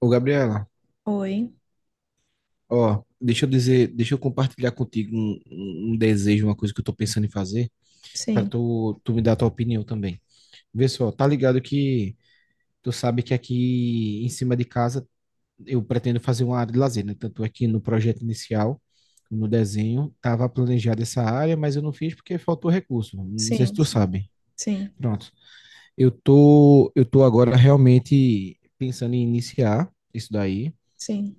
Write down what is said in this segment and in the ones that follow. Ô, Gabriela, Oi. ó, deixa eu dizer, deixa eu compartilhar contigo um desejo, uma coisa que eu tô pensando em fazer, pra Sim, tu me dar a tua opinião também. Vê só, tá ligado que tu sabe que aqui em cima de casa eu pretendo fazer uma área de lazer, né? Tanto aqui no projeto inicial, no desenho, tava planejada essa área, mas eu não fiz porque faltou recurso. Não sei se sim, tu sim, sabe. sim, Pronto. Eu tô agora realmente pensando em iniciar isso daí. sim.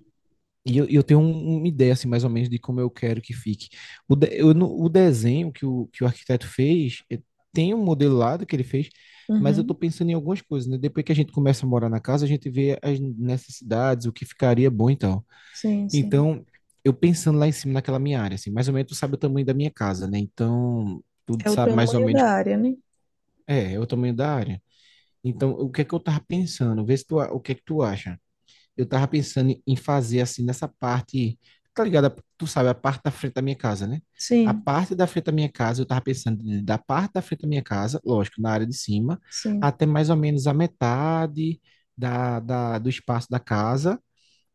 E eu tenho uma ideia, assim, mais ou menos, de como eu quero que fique. O, de- eu não- o desenho que o arquiteto fez, tem um modelado que ele fez, mas eu estou Uhum. pensando em algumas coisas, né? Depois que a gente começa a morar na casa, a gente vê as necessidades, o que ficaria bom e tal. Sim, sim. Então, eu pensando lá em cima, naquela minha área, assim, mais ou menos tu sabe o tamanho da minha casa, né? Então, tu É o sabe mais ou tamanho menos, da área, né? é o tamanho da área. Então, o que é que eu tava pensando? Vê se tu, a- o que é que tu acha. Eu tava pensando em fazer assim nessa parte, tá ligado? Tu sabe, a parte da frente da minha casa, né? A Sim, parte da frente da minha casa, eu tava pensando da parte da frente da minha casa, lógico, na área de cima, sim, até mais ou menos a metade da, do espaço da casa.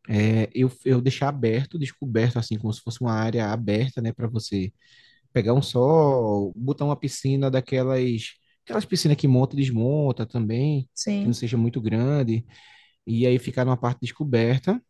É, eu deixar aberto, descoberto, assim, como se fosse uma área aberta, né, para você pegar um sol, botar uma piscina daquelas, aquelas piscinas que monta e desmonta também, que não sim. seja muito grande, e aí ficar numa parte descoberta.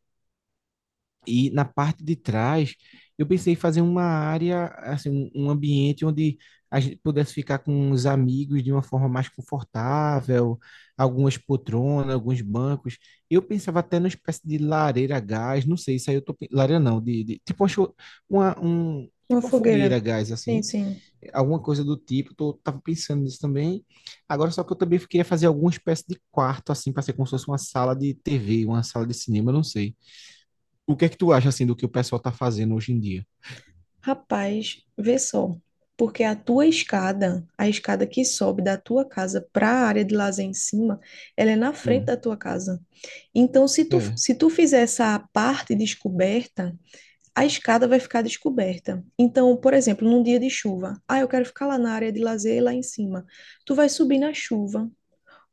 E na parte de trás, eu pensei em fazer uma área, assim, um ambiente onde a gente pudesse ficar com os amigos de uma forma mais confortável, algumas poltronas, alguns bancos. Eu pensava até numa espécie de lareira a gás, não sei, isso aí lareira não, tipo uma, cho- uma- um, Uma tipo uma fogueira fogueira. a gás, Sim, assim, sim. alguma coisa do tipo, tava pensando nisso também. Agora, só que eu também queria fazer alguma espécie de quarto, assim, para ser como se fosse uma sala de TV, uma sala de cinema, não sei. O que é que tu acha, assim, do que o pessoal tá fazendo hoje em dia? Rapaz, vê só. Porque a tua escada, a escada que sobe da tua casa para a área de lazer em cima, ela é na frente Hum. da tua casa. Então, se tu, É, se tu fizer essa parte descoberta, a escada vai ficar descoberta. Então, por exemplo, num dia de chuva, ah, eu quero ficar lá na área de lazer, lá em cima. Tu vai subir na chuva.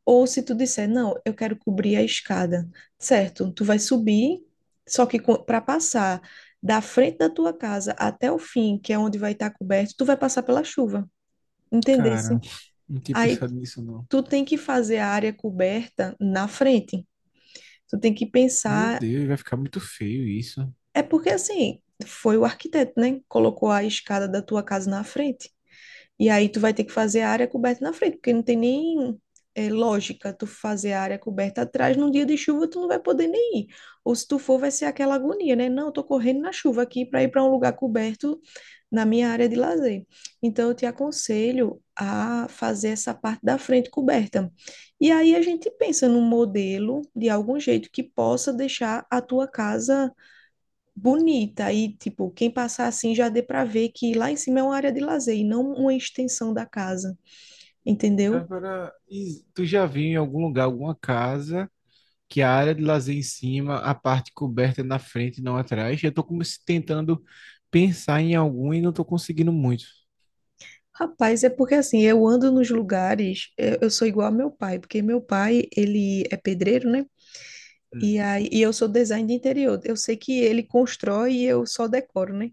Ou se tu disser, não, eu quero cobrir a escada. Certo, tu vai subir, só que para passar da frente da tua casa até o fim, que é onde vai estar coberto, tu vai passar pela chuva. cara, Entendesse? não tinha Aí pensado nisso, não. tu tem que fazer a área coberta na frente. Tu tem que Meu pensar, Deus, vai ficar muito feio isso. é porque assim, foi o arquiteto, né? Colocou a escada da tua casa na frente. E aí tu vai ter que fazer a área coberta na frente, porque não tem nem é, lógica tu fazer a área coberta atrás. Num dia de chuva tu não vai poder nem ir. Ou se tu for, vai ser aquela agonia, né? Não, eu tô correndo na chuva aqui para ir para um lugar coberto na minha área de lazer. Então eu te aconselho a fazer essa parte da frente coberta. E aí a gente pensa num modelo de algum jeito que possa deixar a tua casa bonita e tipo, quem passar assim já dê para ver que lá em cima é uma área de lazer e não uma extensão da casa, entendeu? Agora, e tu já viu em algum lugar, alguma casa, que a área de lazer em cima, a parte coberta é na frente e não atrás? Eu tô como se tentando pensar em algum e não tô conseguindo muito. Rapaz, é porque assim, eu ando nos lugares, eu sou igual ao meu pai, porque meu pai, ele é pedreiro, né? Hum, E aí, e eu sou design de interior. Eu sei que ele constrói e eu só decoro, né?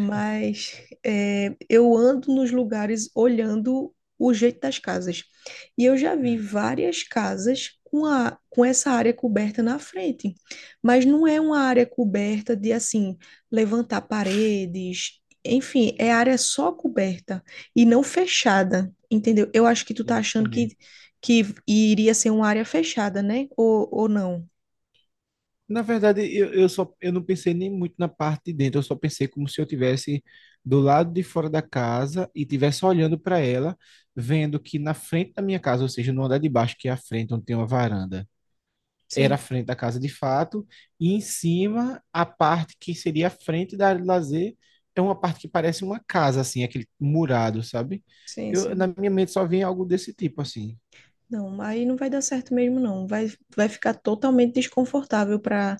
Mas é, eu ando nos lugares olhando o jeito das casas. E eu já vi hum, várias casas com, a, com essa área coberta na frente, mas não é uma área coberta de assim, levantar paredes, enfim, é área só coberta e não fechada, entendeu? Eu acho que tu tá sim, achando entendi. que iria ser uma área fechada, né? Ou não? Na verdade, eu só eu não pensei nem muito na parte de dentro, eu só pensei como se eu tivesse do lado de fora da casa e tivesse olhando para ela, vendo que na frente da minha casa, ou seja, no andar de baixo, que é a frente onde tem uma varanda, era a Sim, frente da casa de fato, e em cima, a parte que seria a frente da área de lazer é uma parte que parece uma casa, assim, aquele murado, sabe? sim, Eu, na sim. minha mente só vinha algo desse tipo, assim. Não, aí não vai dar certo mesmo, não. Vai, vai ficar totalmente desconfortável para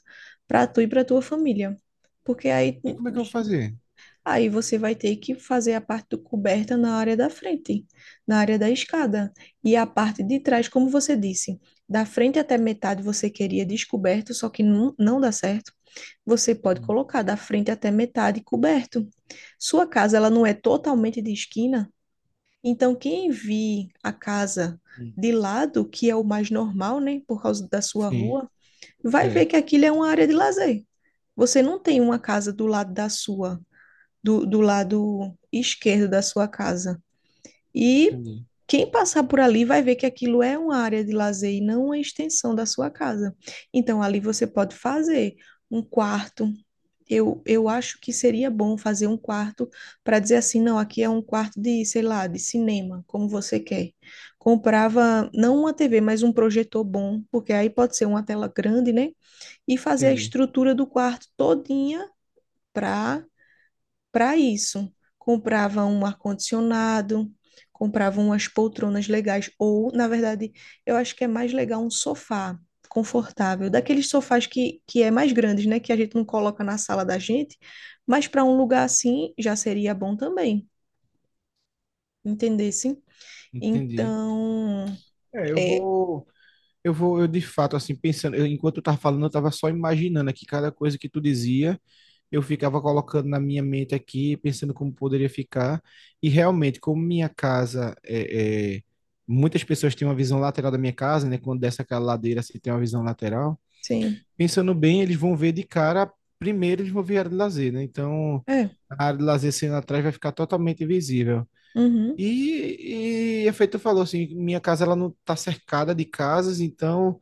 tu e para tua família. Porque aí, E como é que eu vou fazer? aí você vai ter que fazer a parte do coberta na área da frente, na área da escada. E a parte de trás, como você disse, da frente até metade você queria descoberto, só que não, não dá certo. Você pode Hum, colocar da frente até metade coberto. Sua casa, ela não é totalmente de esquina, então, quem vir a casa hum. de lado, que é o mais normal, né, por causa da sua Sim, rua, vai ver é, que aquilo é uma área de lazer. Você não tem uma casa do lado da sua, do lado esquerdo da sua casa. E entendi, quem passar por ali vai ver que aquilo é uma área de lazer e não uma extensão da sua casa. Então, ali você pode fazer um quarto. Eu acho que seria bom fazer um quarto para dizer assim, não, aqui é um quarto de, sei lá, de cinema, como você quer. Comprava não uma TV, mas um projetor bom, porque aí pode ser uma tela grande, né? E fazer a entendi. estrutura do quarto todinha para para isso. Comprava um ar-condicionado, comprava umas poltronas legais, ou, na verdade, eu acho que é mais legal um sofá confortável, daqueles sofás que é mais grandes, né? Que a gente não coloca na sala da gente, mas para um lugar assim já seria bom também, entendesse? Entendi. Então, É, eu é, vou, eu vou, eu de fato, assim, pensando, enquanto eu tava falando, eu tava só imaginando aqui cada coisa que tu dizia, eu ficava colocando na minha mente aqui, pensando como poderia ficar, e realmente, como minha casa, muitas pessoas têm uma visão lateral da minha casa, né, quando desce aquela ladeira, se tem uma visão lateral, sim, pensando bem, eles vão ver de cara, primeiro eles vão ver a área de lazer, né, então, é, a área de lazer sendo atrás vai ficar totalmente invisível. uhum, E efeito falou assim, minha casa ela não está cercada de casas, então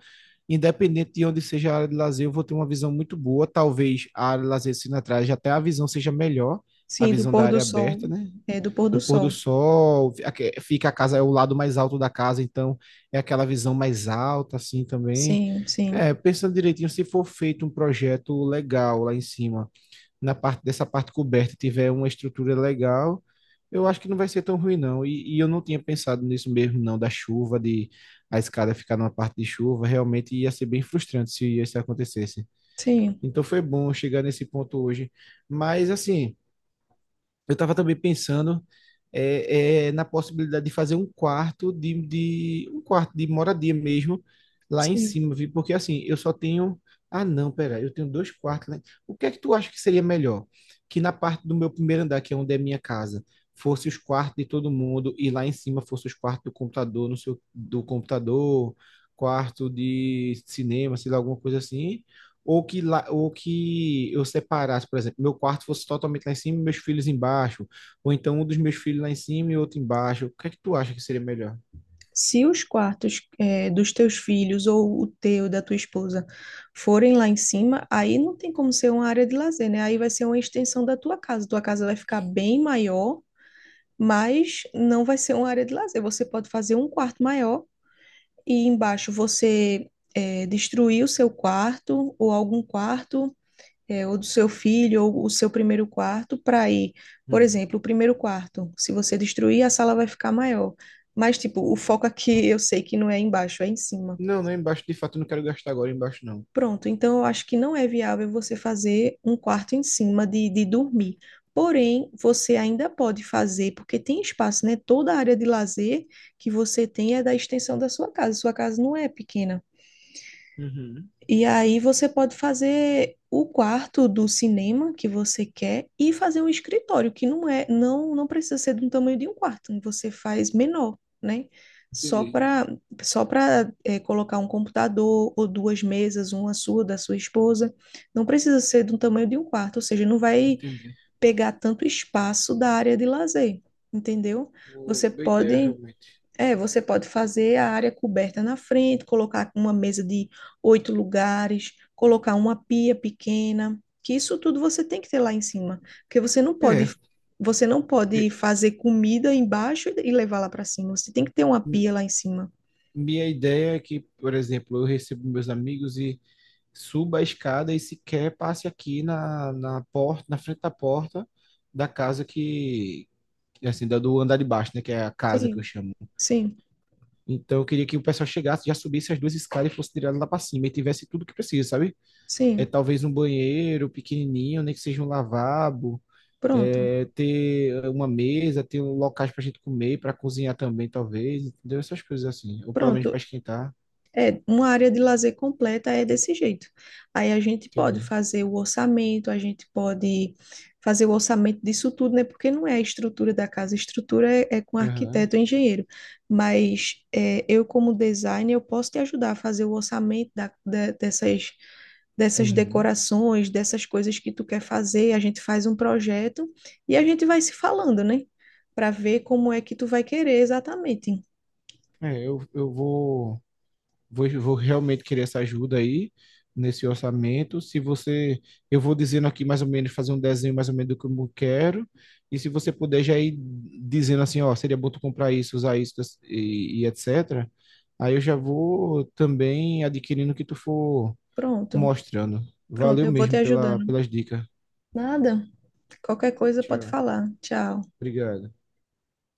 independente de onde seja a área de lazer, eu vou ter uma visão muito boa. Talvez a área de lazer sendo atrás, até a visão seja melhor, a sim, do visão da pôr do área sol, aberta, né? é, do pôr Do do pôr do sol, sol, fica a casa, é o lado mais alto da casa, então é aquela visão mais alta, assim também. sim, sim, É, pensando direitinho, se for feito um projeto legal lá em cima na parte dessa parte coberta tiver uma estrutura legal, eu acho que não vai ser tão ruim, não. E eu não tinha pensado nisso mesmo, não, da chuva, de a escada ficar numa parte de chuva. Realmente ia ser bem frustrante se isso acontecesse. sim, Então foi bom chegar nesse ponto hoje. Mas, assim, eu estava também pensando na possibilidade de fazer um quarto de um quarto de moradia mesmo lá em sim. cima, viu? Porque assim, eu só tenho. Ah, não, pera, eu tenho dois quartos lá. O que é que tu acha que seria melhor? Que na parte do meu primeiro andar, que é onde é minha casa, fosse os quartos de todo mundo e lá em cima fosse os quartos do computador, no seu, do computador, quarto de cinema, sei lá, alguma coisa assim. Ou que eu separasse, por exemplo, meu quarto fosse totalmente lá em cima e meus filhos embaixo ou então um dos meus filhos lá em cima e outro embaixo. O que é que tu acha que seria melhor? Se os quartos dos teus filhos ou o teu, da tua esposa, forem lá em cima, aí não tem como ser uma área de lazer, né? Aí vai ser uma extensão da tua casa. Tua casa vai ficar bem maior, mas não vai ser uma área de lazer. Você pode fazer um quarto maior e embaixo você destruir o seu quarto ou algum quarto é, ou do seu filho, ou o seu primeiro quarto, para ir, por Hum. exemplo, o primeiro quarto, se você destruir, a sala vai ficar maior. Mas, tipo, o foco aqui eu sei que não é embaixo, é em cima. Não, não, é embaixo de fato eu não quero gastar agora embaixo, não. Pronto, então eu acho que não é viável você fazer um quarto em cima de dormir. Porém, você ainda pode fazer, porque tem espaço, né? Toda a área de lazer que você tem é da extensão da sua casa. Sua casa não é pequena. Uhum. E aí você pode fazer o quarto do cinema que você quer e fazer um escritório, que não é, não, não precisa ser do tamanho de um quarto, você faz menor, né? Só Entendi, para Só para colocar um computador ou duas mesas, uma sua, da sua esposa. Não precisa ser do tamanho de um quarto, ou seja, não vai entendi. pegar tanto espaço da área de lazer, entendeu? Boa Você boa ideia, pode realmente. é, você pode fazer a área coberta na frente, colocar uma mesa de 8 lugares, colocar uma pia pequena, que isso tudo você tem que ter lá em cima, porque É, você não pode e- fazer comida embaixo e levar lá para cima. Você tem que ter uma m- pia lá em cima. minha ideia é que, por exemplo, eu recebo meus amigos e suba a escada e sequer passe aqui na porta, na frente da porta da casa que, assim, da do andar de baixo, né, que é a casa que eu Sim, chamo. sim, Então eu queria que o pessoal chegasse, já subisse as duas escadas e fosse direto lá para cima e tivesse tudo que precisa, sabe? É sim. talvez um banheiro pequenininho, nem que seja um lavabo, Pronto, ter uma mesa, ter um locais para a gente comer, para cozinhar também, talvez, entendeu? Essas coisas assim, ou pelo menos para pronto. esquentar, É, uma área de lazer completa é desse jeito. Aí a gente pode entendeu? fazer o orçamento, a gente pode fazer o orçamento disso tudo, né? Porque não é a estrutura da casa, a estrutura é, é com Aham. arquiteto ou engenheiro. Mas é, eu, como designer, eu posso te ajudar a fazer o orçamento da, da- dessas, dessas Uhum. decorações, dessas coisas que tu quer fazer. A gente faz um projeto e a gente vai se falando, né? Para ver como é que tu vai querer exatamente. É, eu vou. Vou realmente querer essa ajuda aí nesse orçamento. Se você, eu vou dizendo aqui mais ou menos, fazer um desenho mais ou menos do que eu quero. E se você puder já ir dizendo assim, ó, seria bom tu comprar isso, usar isso e etc. Aí eu já vou também adquirindo o que tu for Pronto, mostrando. pronto, Valeu eu vou te mesmo pela, ajudando. pelas dicas. Nada. Qualquer coisa pode Tchau. falar. Tchau. Obrigado.